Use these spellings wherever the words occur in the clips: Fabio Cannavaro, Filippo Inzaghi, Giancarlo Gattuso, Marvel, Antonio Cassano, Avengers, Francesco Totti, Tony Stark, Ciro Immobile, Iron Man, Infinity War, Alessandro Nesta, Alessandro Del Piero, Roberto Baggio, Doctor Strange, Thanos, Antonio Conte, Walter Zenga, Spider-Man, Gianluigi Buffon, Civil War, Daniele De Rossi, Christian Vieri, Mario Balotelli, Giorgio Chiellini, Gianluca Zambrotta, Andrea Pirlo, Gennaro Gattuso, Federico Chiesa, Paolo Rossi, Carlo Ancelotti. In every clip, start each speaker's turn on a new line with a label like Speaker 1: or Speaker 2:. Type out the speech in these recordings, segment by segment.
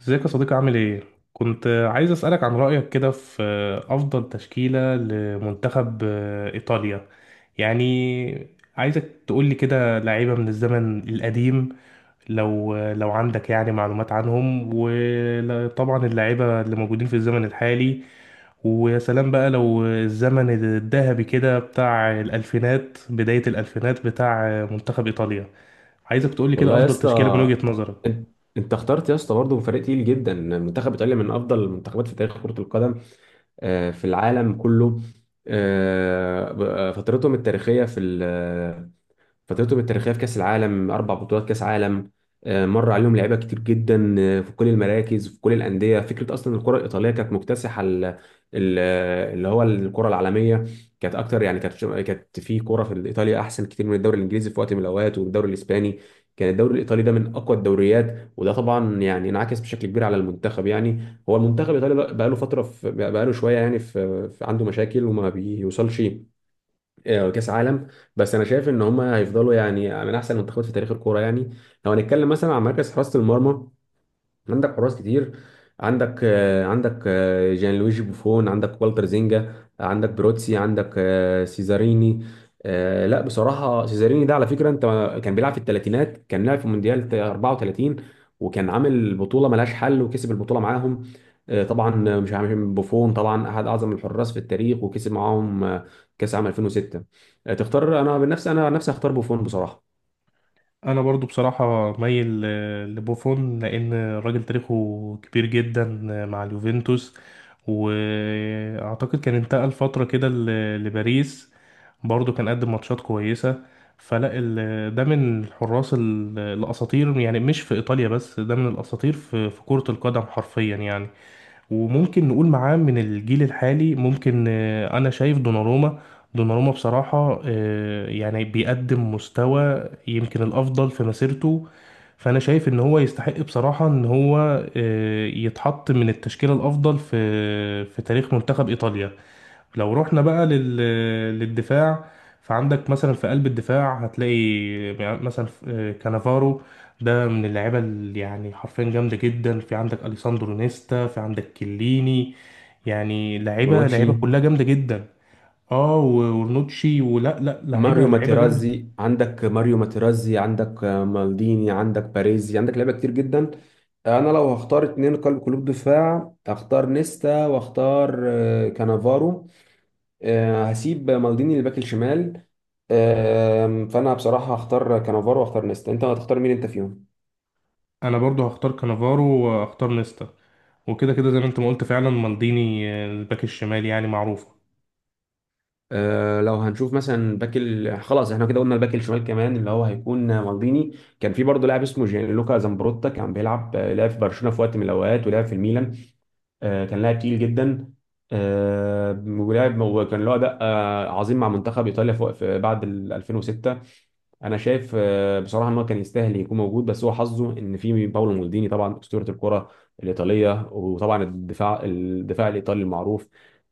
Speaker 1: ازيك يا صديقي؟ عامل ايه؟ كنت عايز اسألك عن رأيك كده في أفضل تشكيلة لمنتخب إيطاليا يعني. عايزك تقولي كده لعيبة من الزمن القديم لو عندك يعني معلومات عنهم، وطبعا اللعيبة اللي موجودين في الزمن الحالي. ويا سلام بقى لو الزمن الذهبي كده بتاع الألفينات، بداية الألفينات بتاع منتخب إيطاليا. عايزك تقولي كده
Speaker 2: والله يا
Speaker 1: أفضل تشكيلة من
Speaker 2: اسطى،
Speaker 1: وجهة نظرك.
Speaker 2: انت انت اخترت يا اسطى برضه فريق تقيل جدا. منتخب ايطاليا من افضل المنتخبات في تاريخ كرة القدم في العالم كله. فترتهم التاريخية في فترتهم التاريخيه في كاس العالم، اربع بطولات كاس عالم. مر عليهم لعيبه كتير جدا في كل المراكز، في كل الانديه. فكره اصلا الكره الايطاليه كانت مكتسحه ال- اللي هو الكره العالميه، كانت اكتر. يعني كانت في كره في ايطاليا احسن كتير من الدوري الانجليزي في وقت من الاوقات، والدوري الاسباني. كان الدوري الايطالي ده من اقوى الدوريات، وده طبعا يعني انعكس بشكل كبير على المنتخب. يعني هو المنتخب الايطالي بقى له فتره، بقى له شويه يعني عنده مشاكل وما بيوصلش كاس عالم. بس انا شايف ان هم هيفضلوا يعني من احسن المنتخبات في تاريخ الكوره يعني. لو هنتكلم مثلا عن مركز حراسه المرمى، عندك حراس كتير. عندك جان لويجي بوفون، عندك والتر زينجا، عندك بروتسي، عندك سيزاريني. لا بصراحة سيزاريني ده على فكرة، انت، كان بيلعب في الثلاثينات، كان لعب في مونديال 34 وكان عامل بطولة ملهاش حل وكسب البطولة معاهم. طبعا، مش عارف، بوفون طبعا احد اعظم الحراس في التاريخ، وكسب معاهم كاس عام 2006. تختار؟ انا بنفسي انا عن نفسي هختار بوفون بصراحة.
Speaker 1: انا برضو بصراحة مايل لبوفون، لان الراجل تاريخه كبير جدا مع اليوفنتوس. واعتقد كان انتقل فترة كده لباريس، برضو كان قدم ماتشات كويسة. فلا ده من الحراس الاساطير، يعني مش في ايطاليا بس، ده من الاساطير في كرة القدم حرفيا يعني. وممكن نقول معاه من الجيل الحالي، ممكن انا شايف دوناروما. دوناروما بصراحة يعني بيقدم مستوى يمكن الافضل في مسيرته. فانا شايف ان هو يستحق بصراحة ان هو يتحط من التشكيلة الافضل في في تاريخ منتخب ايطاليا. لو رحنا بقى للدفاع، فعندك مثلا في قلب الدفاع هتلاقي مثلا كانافارو. ده من اللعيبه اللي يعني حرفيا جامده جدا، في عندك اليساندرو نيستا، في عندك كيليني. يعني لعيبه
Speaker 2: بونوتشي،
Speaker 1: لعيبه كلها جامده جدا. اه ورنوتشي، ولا لا لعيبه لعيبه جامده.
Speaker 2: ماريو ماتيرازي، عندك مالديني، عندك باريزي، عندك لعيبه كتير جدا. انا لو هختار اتنين قلب، قلوب دفاع، هختار نيستا واختار كانافارو. هسيب مالديني الباك الشمال. فانا بصراحه هختار كانافارو واختار نيستا. انت هتختار مين انت فيهم؟
Speaker 1: انا برضو هختار كانافارو واختار نيستا، وكده كده زي ما انت ما قلت فعلا مالديني الباك الشمال يعني معروف.
Speaker 2: لو هنشوف مثلا باك خلاص احنا كده قلنا الباك الشمال كمان اللي هو هيكون مالديني. كان في برضه لاعب اسمه جيانلوكا زامبروتا، كان بيلعب لعب في برشلونه في وقت من الاوقات، ولعب في الميلان. كان لاعب تقيل جدا. ولعب وكان له اداء عظيم مع منتخب ايطاليا فوق- في بعد ال 2006. انا شايف بصراحه ان هو كان يستاهل يكون موجود، بس هو حظه ان في باولو مالديني طبعا، اسطوره الكره الايطاليه، وطبعا الدفاع، الايطالي المعروف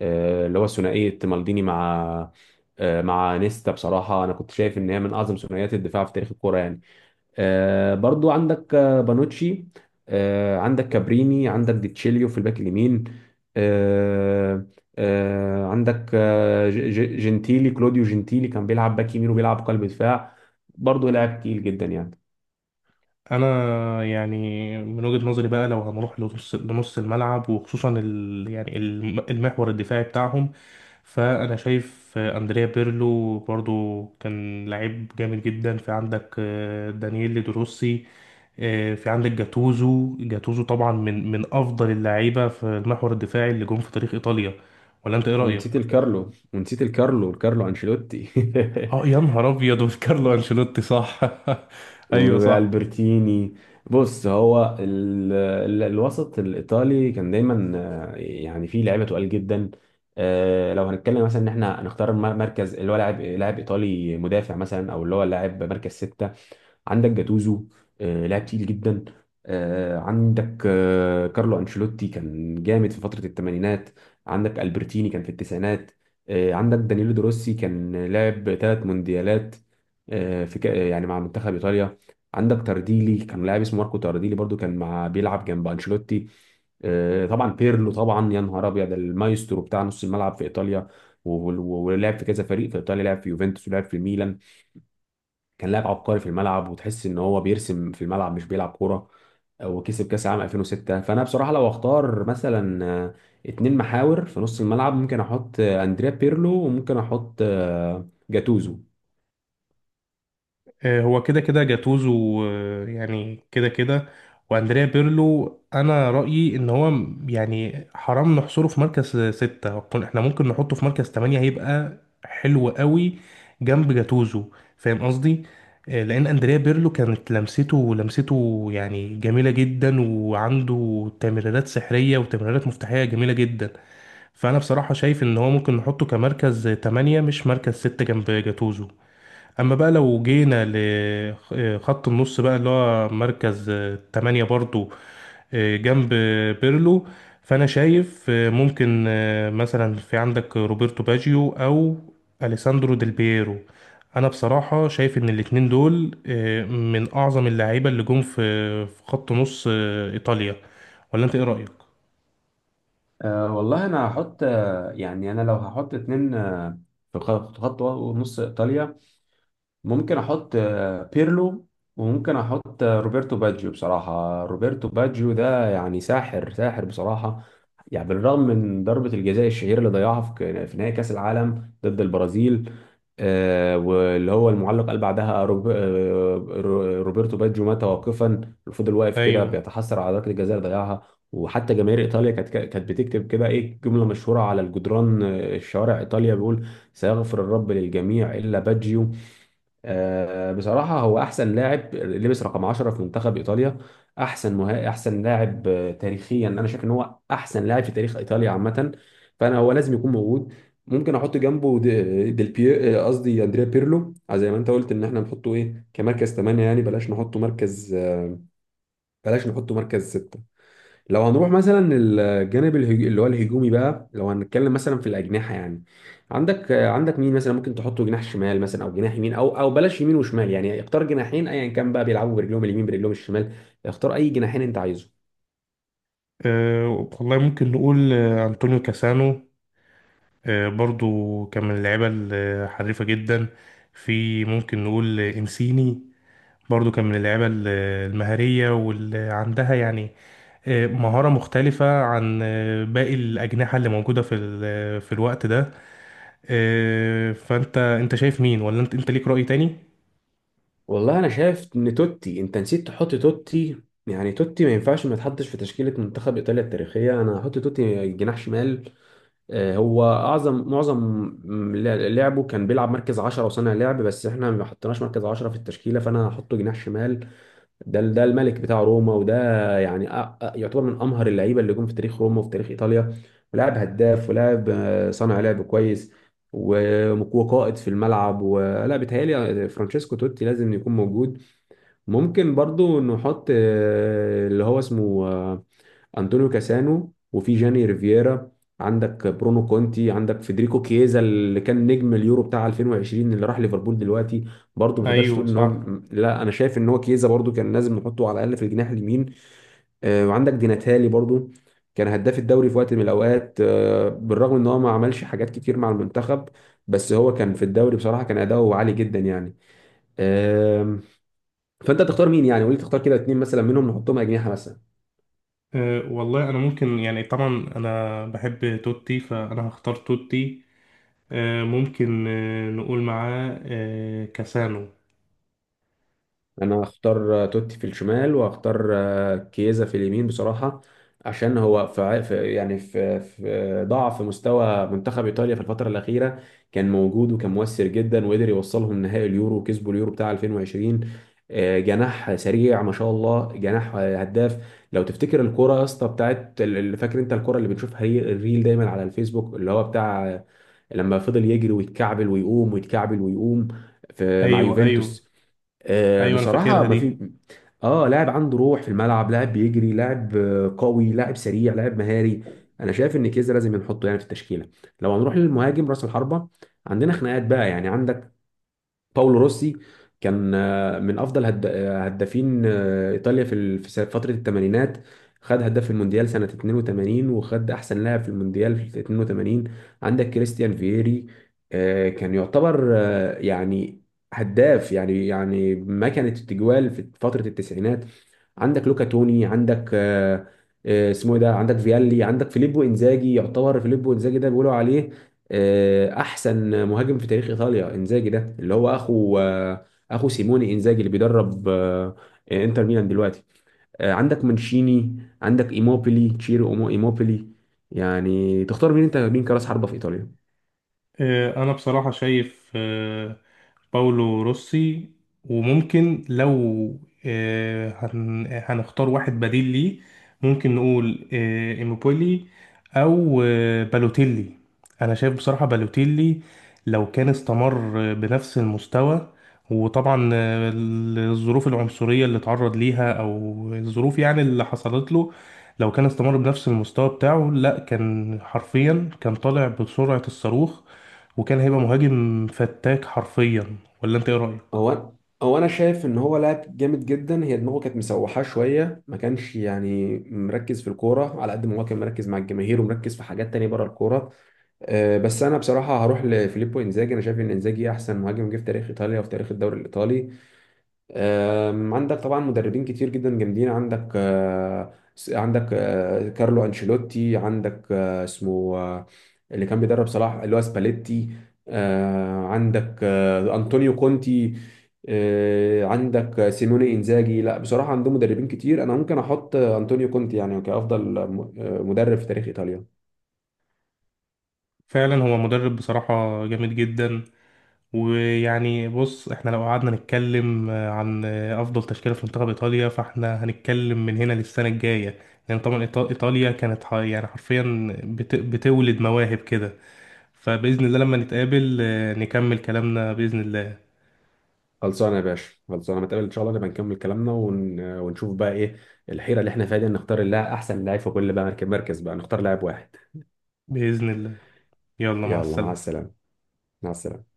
Speaker 2: اللي هو ثنائيه مالديني مع مع نيستا. بصراحه انا كنت شايف ان هي من اعظم ثنائيات الدفاع في تاريخ الكره يعني. برضو عندك بانوتشي، عندك كابريني، عندك ديتشيليو في الباك اليمين. آه، عندك جنتيلي، كلوديو جنتيلي، كان بيلعب باك يمين وبيلعب قلب دفاع. برضو لاعب تقيل جدا يعني.
Speaker 1: انا يعني من وجهة نظري بقى، لو هنروح لنص لنص الملعب وخصوصا ال يعني المحور الدفاعي بتاعهم، فانا شايف اندريا بيرلو برضو كان لعيب جامد جدا، في عندك دانييل دروسي. في عندك جاتوزو. جاتوزو طبعا من افضل اللعيبه في المحور الدفاعي اللي جم في تاريخ ايطاليا. ولا انت ايه رايك؟
Speaker 2: ونسيت الكارلو، ونسيت الكارلو، الكارلو انشيلوتي.
Speaker 1: اه يا نهار ابيض! وفي كارلو انشيلوتي، صح. ايوه، صح.
Speaker 2: والبرتيني. بص، هو الوسط الايطالي كان دايما يعني فيه لعيبه تقال جدا. لو هنتكلم مثلا ان احنا هنختار مركز، اللي هو لاعب ايطالي مدافع مثلا، او اللي هو لاعب مركز سته، عندك جاتوزو لاعب تقيل جدا. عندك كارلو انشيلوتي كان جامد في فترة الثمانينات. عندك البرتيني كان في التسعينات. عندك دانيلو دروسي كان لاعب ثلاث مونديالات يعني مع منتخب ايطاليا. عندك تارديلي، كان لاعب اسمه ماركو تارديلي، برضو كان بيلعب جنب انشيلوتي. طبعا بيرلو، طبعا يا نهار ابيض، ده المايسترو بتاع نص الملعب في ايطاليا، ولعب في كذا فريق في ايطاليا، لعب في يوفنتوس ولعب في ميلان. كان لاعب عبقري في الملعب، وتحس ان هو بيرسم في الملعب مش بيلعب كوره، وكسب كاس العالم 2006. فانا بصراحه لو اختار مثلا اتنين محاور في نص الملعب، ممكن احط اندريا بيرلو، وممكن احط جاتوزو.
Speaker 1: هو كده كده جاتوزو، يعني كده كده. واندريا بيرلو، انا رايي ان هو يعني حرام نحصره في مركز ستة. احنا ممكن نحطه في مركز تمانية، هيبقى حلو قوي جنب جاتوزو. فاهم قصدي؟ لان اندريا بيرلو كانت لمسته يعني جميله جدا، وعنده تمريرات سحريه وتمريرات مفتاحيه جميله جدا. فانا بصراحه شايف ان هو ممكن نحطه كمركز تمانية، مش مركز ستة جنب جاتوزو. اما بقى لو جينا لخط النص بقى، اللي هو مركز تمانية برضو جنب بيرلو، فانا شايف ممكن مثلا في عندك روبرتو باجيو او اليساندرو ديل بييرو. انا بصراحة شايف ان الاتنين دول من اعظم اللعيبة اللي جم في في خط نص ايطاليا. ولا انت ايه رأيك؟
Speaker 2: أه والله انا هحط يعني انا لو هحط اتنين في خط نص ايطاليا، ممكن احط بيرلو، وممكن احط روبرتو باجيو. بصراحة روبرتو باجيو ده يعني ساحر، ساحر بصراحة. يعني بالرغم من ضربة الجزاء الشهيرة اللي ضيعها في نهائي كأس العالم ضد البرازيل، واللي هو المعلق قال بعدها: روبرتو باجيو مات واقفا. فضل واقف كده
Speaker 1: ايوه.
Speaker 2: بيتحسر على ضربة الجزاء اللي ضيعها. وحتى جماهير ايطاليا كانت بتكتب كده ايه جملة مشهورة على الجدران الشوارع ايطاليا بيقول: سيغفر الرب للجميع الا باجيو. بصراحة هو أحسن لاعب لبس رقم 10 في منتخب إيطاليا. أحسن لاعب تاريخيا، أنا شايف إن هو أحسن لاعب في تاريخ إيطاليا عامة، فأنا هو لازم يكون موجود. ممكن أحط جنبه دي- ديل بي آه، قصدي أندريا بيرلو، زي ما أنت قلت إن إحنا نحطه إيه كمركز 8. يعني بلاش نحطه مركز ستة. لو هنروح مثلا الجانب اللي هو الهجومي بقى، لو هنتكلم مثلا في الاجنحه يعني، عندك مين مثلا ممكن تحطه جناح شمال مثلا، او جناح يمين، او بلاش يمين وشمال، يعني اختار جناحين ايا كان بقى، بيلعبوا برجلهم اليمين برجلهم الشمال، اختار اي جناحين انت عايزه.
Speaker 1: أه والله ممكن نقول انطونيو كاسانو، برضو كان من اللعيبة الحريفة جدا. في ممكن نقول إنسيني، برضو كان من اللعيبة المهارية واللي عندها يعني مهارة مختلفة عن باقي الأجنحة اللي موجودة في الوقت ده. فأنت شايف مين؟ ولا أنت ليك رأي تاني؟
Speaker 2: والله انا شايف ان توتي، انت نسيت تحط توتي. يعني توتي ما ينفعش ما يتحطش في تشكيله منتخب ايطاليا التاريخيه. انا هحط توتي جناح شمال. هو اعظم، معظم لعبه كان بيلعب مركز 10 وصانع لعب، بس احنا ما حطيناش مركز 10 في التشكيله، فانا هحطه جناح شمال. ده الملك بتاع روما، وده يعني يعتبر من امهر اللعيبه اللي جم في تاريخ روما وفي تاريخ ايطاليا، ولاعب هداف، ولاعب صانع لعب كويس، و- وقائد في الملعب، ولا بيتهيألي؟ فرانشيسكو توتي لازم يكون موجود. ممكن برضو نحط اللي هو اسمه أنطونيو كاسانو، وفي جاني ريفيرا، عندك برونو كونتي، عندك فيدريكو كيزا اللي كان نجم اليورو بتاع 2020 اللي راح ليفربول دلوقتي. برضه ما تقدرش تقول
Speaker 1: ايوه
Speaker 2: ان هو
Speaker 1: صح.
Speaker 2: لا انا شايف ان هو كيزا برضه كان لازم نحطه على الاقل في الجناح اليمين. وعندك ديناتالي برضه، كان هداف الدوري في وقت من الاوقات. بالرغم ان هو ما عملش حاجات كتير مع المنتخب، بس هو كان في الدوري بصراحة كان اداؤه عالي جدا يعني. آم، فانت تختار مين يعني؟ قول لي تختار كده اتنين مثلا منهم نحطهم اجنحة مثلا.
Speaker 1: أه والله انا ممكن يعني طبعا انا بحب توتي فانا هختار توتي. أه ممكن أه نقول معاه أه كاسانو.
Speaker 2: انا هختار توتي في الشمال، وهختار كيزا في اليمين بصراحة. عشان هو يعني في ضعف مستوى منتخب ايطاليا في الفترة الأخيرة كان موجود وكان مؤثر جدا، وقدر يوصلهم نهائي اليورو وكسبوا اليورو بتاع 2020. جناح سريع ما شاء الله، جناح هداف. لو تفتكر الكرة يا اسطى بتاعت اللي فاكر انت، الكرة اللي بنشوفها هي الريل دايما على الفيسبوك اللي هو بتاع لما فضل يجري ويتكعبل ويقوم ويتكعبل ويقوم في مع
Speaker 1: ايوه، ايوه.
Speaker 2: يوفنتوس.
Speaker 1: ايوه انا
Speaker 2: بصراحة
Speaker 1: فاكرها
Speaker 2: ما
Speaker 1: دي.
Speaker 2: في، اه، لاعب عنده روح في الملعب، لاعب بيجري، لاعب قوي، لاعب سريع، لاعب مهاري. انا شايف ان كيزا لازم نحطه يعني في التشكيلة. لو هنروح للمهاجم راس الحربة، عندنا خناقات بقى يعني. عندك باولو روسي كان من افضل هدافين ايطاليا في فتره الثمانينات. خد هداف المونديال سنه 82، وخد احسن لاعب في المونديال في 82. عندك كريستيان فييري كان يعتبر هداف يعني، ما كانت التجوال في فتره التسعينات. عندك لوكا توني، عندك آه، آه، اسمه إيه ده عندك فيالي، عندك فيليبو انزاجي. يعتبر فيليبو انزاجي ده بيقولوا عليه احسن مهاجم في تاريخ ايطاليا. انزاجي ده اللي هو اخو اخو سيموني انزاجي اللي بيدرب انتر ميلان دلوقتي. عندك مانشيني، عندك ايموبيلي، تشيرو ايموبيلي. يعني تختار مين انت مين كراس حربة في ايطاليا؟
Speaker 1: انا بصراحة شايف باولو روسي. وممكن لو هنختار واحد بديل ليه، ممكن نقول إيموبولي او بالوتيلي. انا شايف بصراحة بالوتيلي لو كان استمر بنفس المستوى، وطبعا الظروف العنصرية اللي اتعرض ليها او الظروف يعني اللي حصلت له، لو كان استمر بنفس المستوى بتاعه لا كان حرفيا كان طالع بسرعة الصاروخ، وكان هيبقى مهاجم فتاك حرفيا. ولا انت ايه رأيك؟
Speaker 2: هو هو انا شايف ان هو لاعب جامد جدا، هي دماغه كانت مسوحاه شويه، ما كانش يعني مركز في الكوره على قد ما هو كان مركز مع الجماهير ومركز في حاجات تانية بره الكوره. بس انا بصراحه هروح لفيليبو انزاجي. انا شايف ان انزاجي احسن مهاجم جه في تاريخ ايطاليا وفي تاريخ الدوري الايطالي. عندك طبعا مدربين كتير جدا جامدين. عندك كارلو انشيلوتي، عندك آه، اسمه آه، اللي كان بيدرب صلاح اللي هو سباليتي، عندك انطونيو كونتي، عندك سيموني انزاجي. لا بصراحه عندهم مدربين كتير، انا ممكن احط انطونيو كونتي يعني كافضل مدرب في تاريخ ايطاليا.
Speaker 1: فعلا هو مدرب بصراحة جامد جدا. ويعني بص، احنا لو قعدنا نتكلم عن افضل تشكيلة في منتخب ايطاليا، فاحنا هنتكلم من هنا للسنة الجاية. لان طبعا ايطاليا كانت يعني حرفيا بتولد مواهب كده. فبإذن الله لما نتقابل نكمل كلامنا بإذن الله.
Speaker 2: خلصانه يا باشا، خلصانه، نتقابل ان شاء الله، نبقى نكمل كلامنا ونشوف بقى ايه الحيره اللي احنا فيها دي، نختار اللاعب، احسن لاعب في كل بقى مركز بقى، نختار لاعب واحد.
Speaker 1: بإذن الله. يلا مع
Speaker 2: يلا مع
Speaker 1: السلامة.
Speaker 2: السلامه. مع السلامه.